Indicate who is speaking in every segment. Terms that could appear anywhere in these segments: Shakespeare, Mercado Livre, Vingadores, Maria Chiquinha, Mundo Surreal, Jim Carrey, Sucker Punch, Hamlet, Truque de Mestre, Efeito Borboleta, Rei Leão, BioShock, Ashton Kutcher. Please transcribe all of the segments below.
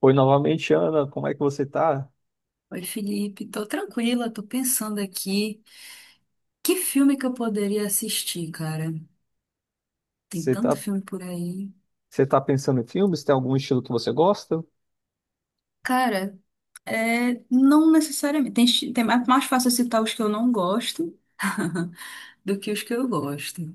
Speaker 1: Oi, novamente, Ana, como é que você tá?
Speaker 2: Oi, Felipe, tô tranquila, tô pensando aqui. Que filme que eu poderia assistir, cara? Tem
Speaker 1: Você
Speaker 2: tanto
Speaker 1: tá,
Speaker 2: filme por aí.
Speaker 1: você tá pensando em filmes? Tem algum estilo que você gosta?
Speaker 2: Cara, é, não necessariamente. É mais fácil citar os que eu não gosto do que os que eu gosto.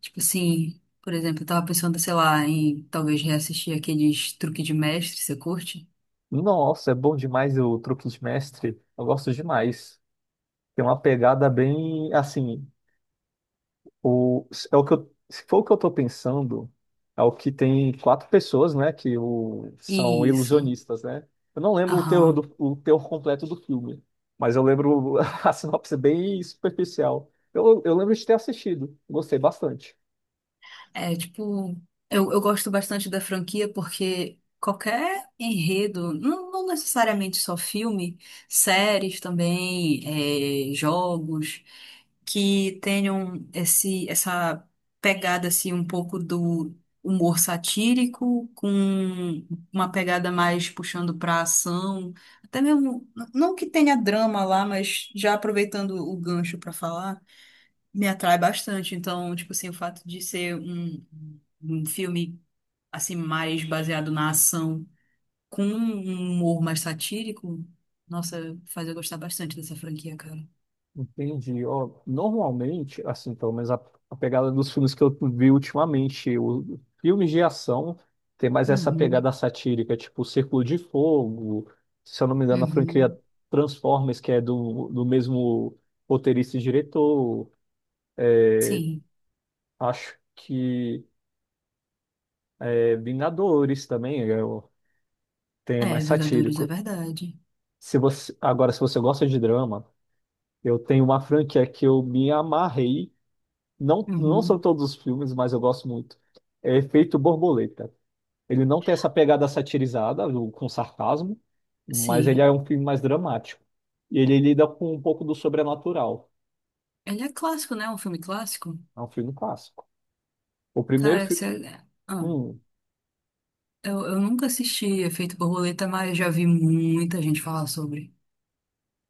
Speaker 2: Tipo assim, por exemplo, eu tava pensando, sei lá, em talvez reassistir aqueles Truque de Mestre, você curte?
Speaker 1: Nossa, é bom demais o Truque de Mestre. Eu gosto demais. Tem uma pegada bem, assim, é o que eu, se for o que eu tô pensando, é o que tem quatro pessoas, né, são
Speaker 2: Isso.
Speaker 1: ilusionistas, né? Eu não lembro o teor,
Speaker 2: Aham.
Speaker 1: o teor completo do filme, mas eu lembro a sinopse bem superficial. Eu lembro de ter assistido, gostei bastante.
Speaker 2: É, tipo, eu gosto bastante da franquia porque qualquer enredo, não, não necessariamente só filme, séries também, é, jogos, que tenham essa pegada, assim, um pouco do humor satírico, com uma pegada mais puxando pra ação, até mesmo, não que tenha drama lá, mas já aproveitando o gancho pra falar me atrai bastante. Então, tipo assim, o fato de ser um filme assim mais baseado na ação com um humor mais satírico, nossa, faz eu gostar bastante dessa franquia, cara.
Speaker 1: Entendi. Ó, normalmente, assim, a pegada dos filmes que eu vi ultimamente, filmes de ação tem mais essa pegada
Speaker 2: Uhum,
Speaker 1: satírica, tipo Círculo de Fogo, se eu não me engano, a franquia
Speaker 2: uhum.
Speaker 1: Transformers, que é do mesmo roteirista e diretor.
Speaker 2: Sim.
Speaker 1: Acho que é Vingadores também, tem
Speaker 2: É,
Speaker 1: mais
Speaker 2: Vingadores é
Speaker 1: satírico.
Speaker 2: verdade.
Speaker 1: Se você, agora, se você gosta de drama, eu tenho uma franquia que eu me amarrei. Não, não são
Speaker 2: Uhum.
Speaker 1: todos os filmes, mas eu gosto muito. É Efeito Borboleta. Ele não tem essa pegada satirizada, com sarcasmo, mas ele é
Speaker 2: Sim.
Speaker 1: um filme mais dramático. E ele lida com um pouco do sobrenatural.
Speaker 2: Ele é clássico, né? Um filme clássico.
Speaker 1: É um filme clássico. O primeiro
Speaker 2: Cara, você...
Speaker 1: filme.
Speaker 2: ah,
Speaker 1: Hum,
Speaker 2: eu nunca assisti Efeito Borboleta, mas já vi muita gente falar sobre.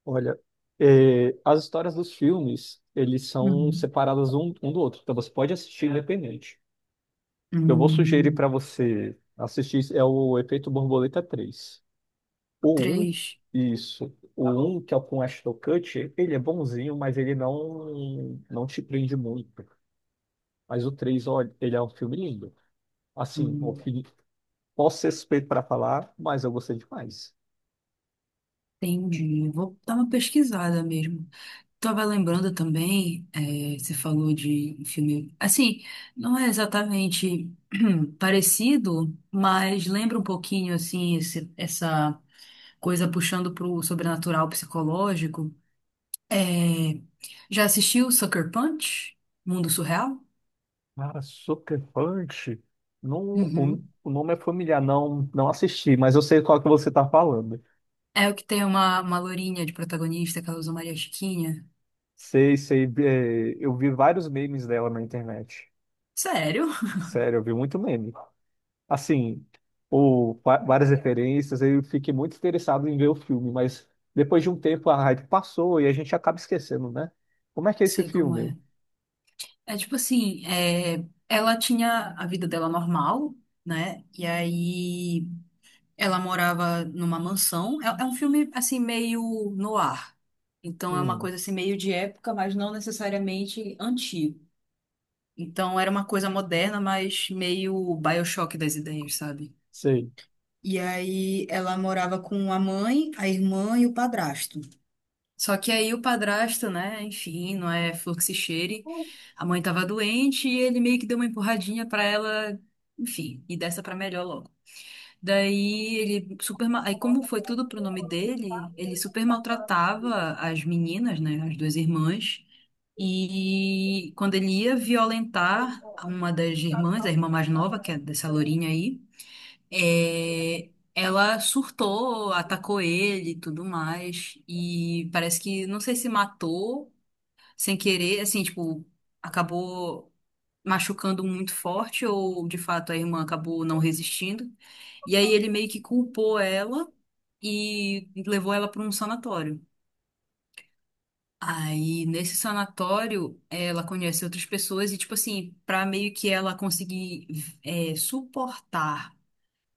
Speaker 1: olha, é, as histórias dos filmes, eles são
Speaker 2: Uhum.
Speaker 1: separadas um do outro. Então você pode assistir independente. Eu vou sugerir para
Speaker 2: Hum,
Speaker 1: você assistir é o Efeito Borboleta três. O um.
Speaker 2: três.
Speaker 1: Isso. O um que é o com Ashton Kutcher, ele é bonzinho, mas ele não te prende muito. Mas o três, olha, ele é um filme lindo. Assim, o que posso ser suspeito para falar, mas eu gostei demais.
Speaker 2: Entendi. Vou dar uma pesquisada mesmo. Tava lembrando também, você falou de um filme. Assim, não é exatamente parecido, mas lembra um pouquinho, assim, essa coisa puxando pro sobrenatural psicológico. Eh, já assistiu Sucker Punch? Mundo Surreal?
Speaker 1: Cara, Sucker Punch. Não,
Speaker 2: Uhum.
Speaker 1: o nome é familiar, não assisti, mas eu sei qual que você tá falando.
Speaker 2: É o que tem uma lourinha de protagonista que ela usa Maria Chiquinha.
Speaker 1: Sei, sei. É, eu vi vários memes dela na internet.
Speaker 2: Sério?
Speaker 1: Sério, eu vi muito meme. Assim, várias referências, eu fiquei muito interessado em ver o filme, mas depois de um tempo a hype passou e a gente acaba esquecendo, né? Como é que é esse
Speaker 2: Sei como
Speaker 1: filme?
Speaker 2: é. É tipo assim, é, ela tinha a vida dela normal, né? E aí ela morava numa mansão. É, é um filme assim meio no ar. Então é uma
Speaker 1: Hum,
Speaker 2: coisa assim meio de época, mas não necessariamente antigo. Então era uma coisa moderna, mas meio BioShock das ideias, sabe?
Speaker 1: Sei.
Speaker 2: E aí ela morava com a mãe, a irmã e o padrasto. Só que aí o padrasto, né, enfim, não é flor que se cheire. A mãe tava doente e ele meio que deu uma empurradinha pra ela, enfim, e dessa pra melhor logo. Daí ele super, ma- aí como foi tudo pro nome dele, ele super maltratava as meninas, né, as duas irmãs. E quando ele ia violentar uma das irmãs, a irmã mais nova, que é dessa lourinha aí, é, ela surtou, atacou ele e tudo mais. E parece que, não sei se matou sem querer, assim, tipo, acabou machucando muito forte, ou de fato a irmã acabou não resistindo. E aí ele meio que culpou ela e levou ela para um sanatório. Aí, nesse sanatório, ela conhece outras pessoas e, tipo assim, pra meio que ela conseguir, é, suportar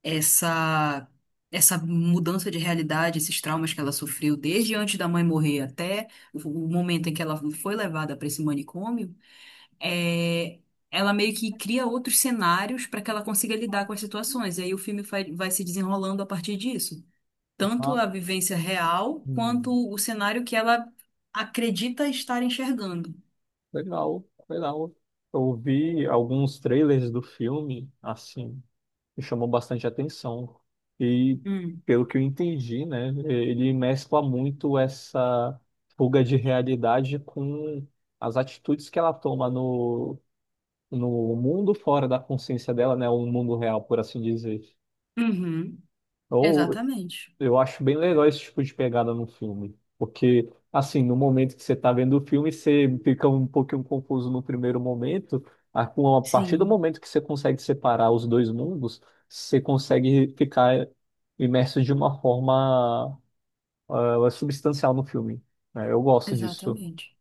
Speaker 2: essa essa mudança de realidade, esses traumas que ela sofreu desde antes da mãe morrer até o momento em que ela foi levada para esse manicômio, é, ela meio que cria outros cenários para que ela consiga lidar com as situações. E aí o filme vai se desenrolando a partir disso. Tanto
Speaker 1: Ah,
Speaker 2: a vivência real quanto
Speaker 1: hum,
Speaker 2: o cenário que ela acredita estar enxergando.
Speaker 1: legal, legal. Eu vi alguns trailers do filme, assim, me chamou bastante atenção. E
Speaker 2: Hum.
Speaker 1: pelo que eu entendi, né, ele mescla muito essa fuga de realidade com as atitudes que ela toma no no mundo fora da consciência dela, né? O mundo real, por assim dizer.
Speaker 2: Uhum.
Speaker 1: Ou
Speaker 2: Exatamente.
Speaker 1: eu acho bem legal esse tipo de pegada no filme, porque assim, no momento que você está vendo o filme, você fica um pouquinho confuso no primeiro momento, a partir do
Speaker 2: Sim.
Speaker 1: momento que você consegue separar os dois mundos, você consegue ficar imerso de uma forma substancial no filme. Né? Eu gosto disso.
Speaker 2: Exatamente.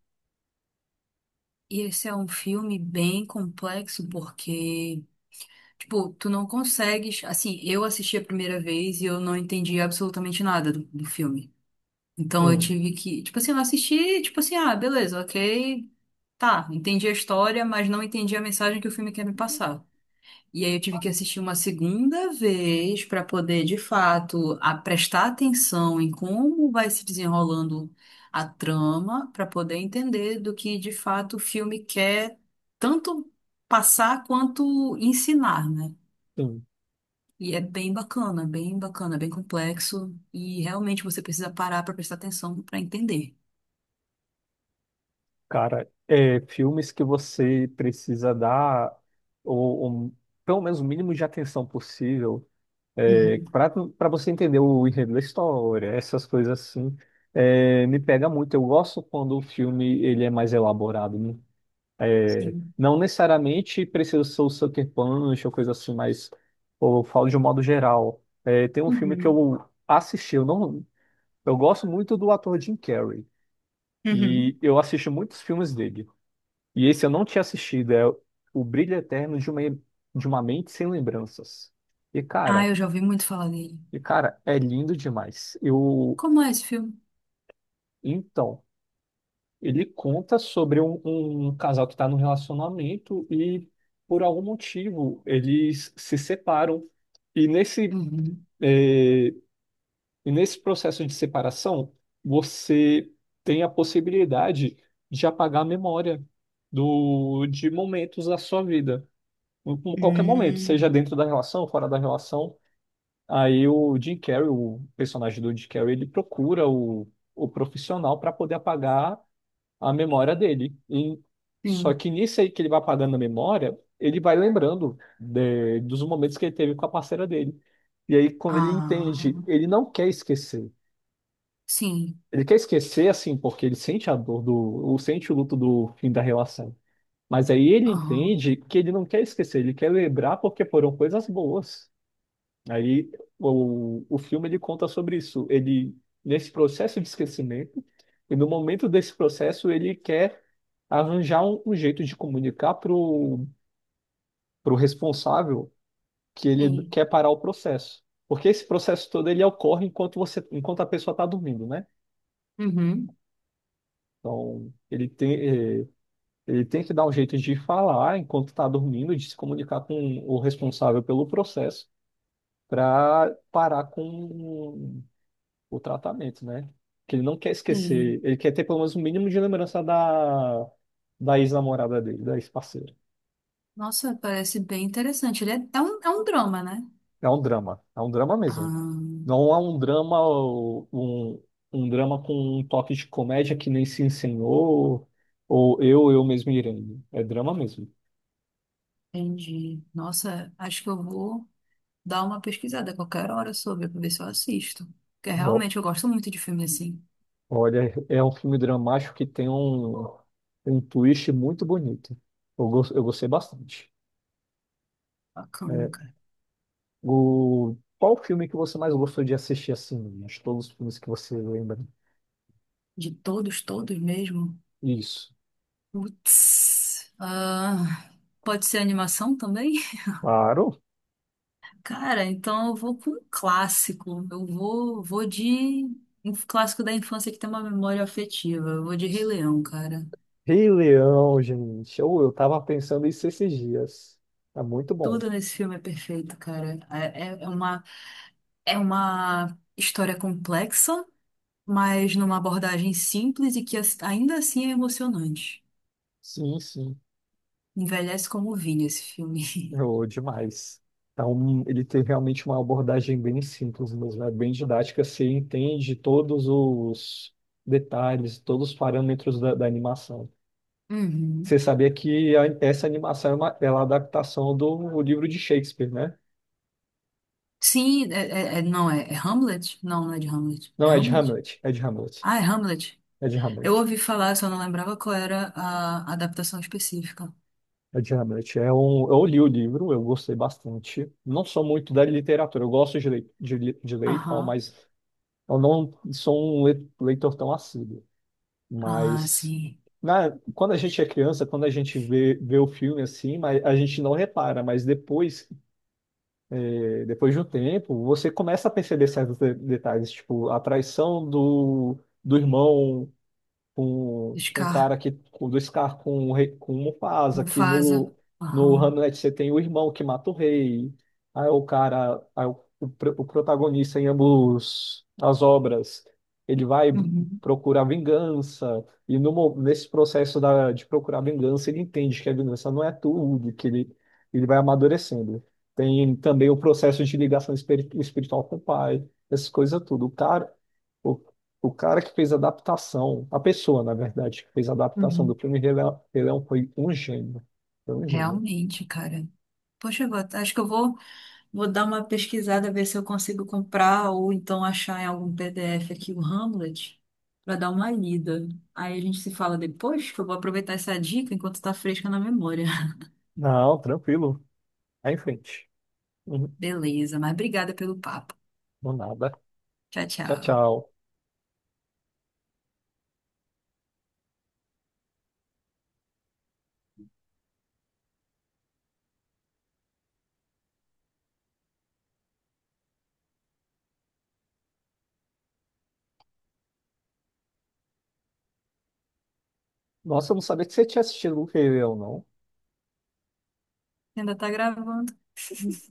Speaker 2: E esse é um filme bem complexo porque, tipo, tu não consegues. Assim, eu assisti a primeira vez e eu não entendi absolutamente nada do filme. Então eu
Speaker 1: Hum,
Speaker 2: tive que. Tipo assim, eu assisti, tipo assim, ah, beleza, ok. Tá, entendi a história, mas não entendi a mensagem que o filme quer me passar. E aí eu tive que assistir uma segunda vez para poder, de fato, a prestar atenção em como vai se desenrolando a trama, para poder entender do que de fato o filme quer tanto passar quanto ensinar, né?
Speaker 1: sim.
Speaker 2: E é bem bacana, bem bacana, bem complexo e realmente você precisa parar para prestar atenção para entender.
Speaker 1: Cara, é, filmes que você precisa dar ou, pelo menos o mínimo de atenção possível
Speaker 2: Uhum,
Speaker 1: para para você entender o enredo da história, essas coisas assim, é, me pega muito. Eu gosto quando o filme ele é mais elaborado. Né? É,
Speaker 2: sim.
Speaker 1: não necessariamente precisa ser o Sucker Punch ou coisa assim, mas pô, eu falo de um modo geral. É, tem um filme que
Speaker 2: Uhum,
Speaker 1: eu assisti, eu não, eu gosto muito do ator Jim Carrey e
Speaker 2: uhum.
Speaker 1: eu assisto muitos filmes dele. E esse eu não tinha assistido, é O Brilho Eterno de uma Mente Sem Lembranças. E
Speaker 2: Ah,
Speaker 1: cara,
Speaker 2: eu já ouvi muito falar dele.
Speaker 1: e cara, é lindo demais. Eu,
Speaker 2: Como é esse filme?
Speaker 1: então, ele conta sobre um, um casal que está num relacionamento e por algum motivo eles se separam. E nesse,
Speaker 2: Uhum.
Speaker 1: eh, e nesse processo de separação, você tem a possibilidade de apagar a memória de momentos da sua vida. Em qualquer momento,
Speaker 2: Hum.
Speaker 1: seja dentro da relação, fora da relação. Aí o Jim Carrey, o personagem do Jim Carrey, ele procura o profissional para poder apagar a memória dele. E, só
Speaker 2: Sim.
Speaker 1: que nisso aí que ele vai apagando a memória, ele vai lembrando dos momentos que ele teve com a parceira dele. E aí, quando ele
Speaker 2: Ah,
Speaker 1: entende, ele não quer esquecer.
Speaker 2: sim.
Speaker 1: Ele quer esquecer, assim, porque ele sente a dor do, ou sente o luto do fim da relação. Mas aí ele
Speaker 2: Aham.
Speaker 1: entende que ele não quer esquecer, ele quer lembrar porque foram coisas boas. Aí o filme ele conta sobre isso. Ele nesse processo de esquecimento e no momento desse processo ele quer arranjar um, um jeito de comunicar pro pro responsável que ele
Speaker 2: Sim.
Speaker 1: quer parar o processo, porque esse processo todo ele ocorre enquanto a pessoa está dormindo, né?
Speaker 2: Uhum.
Speaker 1: Então ele tem eh, ele tem que dar um jeito de falar enquanto está dormindo, de se comunicar com o responsável pelo processo para parar com o tratamento, né? Que ele não quer
Speaker 2: Sim.
Speaker 1: esquecer, ele quer ter pelo menos um mínimo de lembrança da, da ex-namorada dele, da ex-parceira.
Speaker 2: Nossa, parece bem interessante. Ele é, é um drama, né?
Speaker 1: É um drama mesmo.
Speaker 2: Ah,
Speaker 1: Não é um drama, ou um drama com um toque de comédia que nem se ensinou, ou eu mesmo irei. É drama mesmo.
Speaker 2: entendi. Nossa, acho que eu vou dar uma pesquisada a qualquer hora sobre, pra ver se eu assisto. Porque
Speaker 1: Ó,
Speaker 2: realmente eu gosto muito de filme assim.
Speaker 1: olha, é um filme dramático que tem um, um twist muito bonito. Eu gostei bastante. É,
Speaker 2: Bacana, cara.
Speaker 1: o... Qual o filme que você mais gostou de assistir assim? Acho que todos os filmes que você lembra.
Speaker 2: De todos, todos mesmo.
Speaker 1: Isso.
Speaker 2: Putz. Ah, pode ser animação também?
Speaker 1: Claro.
Speaker 2: Cara, então eu vou com um clássico. Vou de um clássico da infância que tem uma memória afetiva. Eu vou de Rei Leão, cara.
Speaker 1: Rei Leão, gente. Eu tava pensando isso esses dias. É muito bom.
Speaker 2: Tudo nesse filme é perfeito, cara. É uma história complexa, mas numa abordagem simples e que ainda assim é emocionante.
Speaker 1: Sim, sim.
Speaker 2: Envelhece como vinho esse filme.
Speaker 1: Oh, demais. Então, ele tem realmente uma abordagem bem simples mesmo, é bem didática. Você entende todos os detalhes, todos os parâmetros da, da animação. Você
Speaker 2: Uhum.
Speaker 1: sabia que essa animação é uma, ela é a adaptação do livro de Shakespeare, né?
Speaker 2: Sim, não, é, é Hamlet? Não, não é de Hamlet. É
Speaker 1: Não, é de
Speaker 2: Hamlet?
Speaker 1: Hamlet, é de Hamlet,
Speaker 2: Ah, é Hamlet.
Speaker 1: é de
Speaker 2: Eu
Speaker 1: Hamlet,
Speaker 2: ouvi falar, só não lembrava qual era a adaptação específica.
Speaker 1: é de Hamlet. É um, eu li o livro, eu gostei bastante. Não sou muito da literatura, eu gosto de ler, de ler e tal,
Speaker 2: Aham.
Speaker 1: mas eu não sou um leitor tão assíduo.
Speaker 2: Ah,
Speaker 1: Mas
Speaker 2: sim.
Speaker 1: na, quando a gente é criança, quando a gente vê o filme assim, mas a gente não repara, mas depois, eh, depois de um tempo, você começa a perceber certos detalhes, tipo a traição do, do irmão com um cara
Speaker 2: Scar,
Speaker 1: que do Scar com o rei, com o Mufasa, que
Speaker 2: Mufasa.
Speaker 1: no no
Speaker 2: Aham.
Speaker 1: Hamlet você tem o irmão que mata o rei. Aí o protagonista em ambos as obras, ele vai
Speaker 2: Uhum.
Speaker 1: procurar vingança e no, nesse processo da, de procurar vingança ele entende que a vingança não é tudo, que ele ele vai amadurecendo. Tem também o processo de ligação espiritual com o pai, essas coisas tudo. O cara que fez a adaptação, a pessoa, na verdade, que fez a adaptação do
Speaker 2: Uhum.
Speaker 1: filme Rei Leão foi um gênio. Foi um gênio.
Speaker 2: Realmente, cara. Poxa, acho que vou dar uma pesquisada, ver se eu consigo comprar ou então achar em algum PDF aqui o Hamlet para dar uma lida. Aí a gente se fala depois, que eu vou aproveitar essa dica enquanto está fresca na memória.
Speaker 1: Não, tranquilo. Vai em frente. Uhum.
Speaker 2: Beleza, mas obrigada pelo papo.
Speaker 1: Não, nada.
Speaker 2: Tchau,
Speaker 1: Tchau,
Speaker 2: tchau.
Speaker 1: tchau. Nossa, eu não sabia que você tinha assistido o Rei Leão,
Speaker 2: Ainda tá gravando.
Speaker 1: não.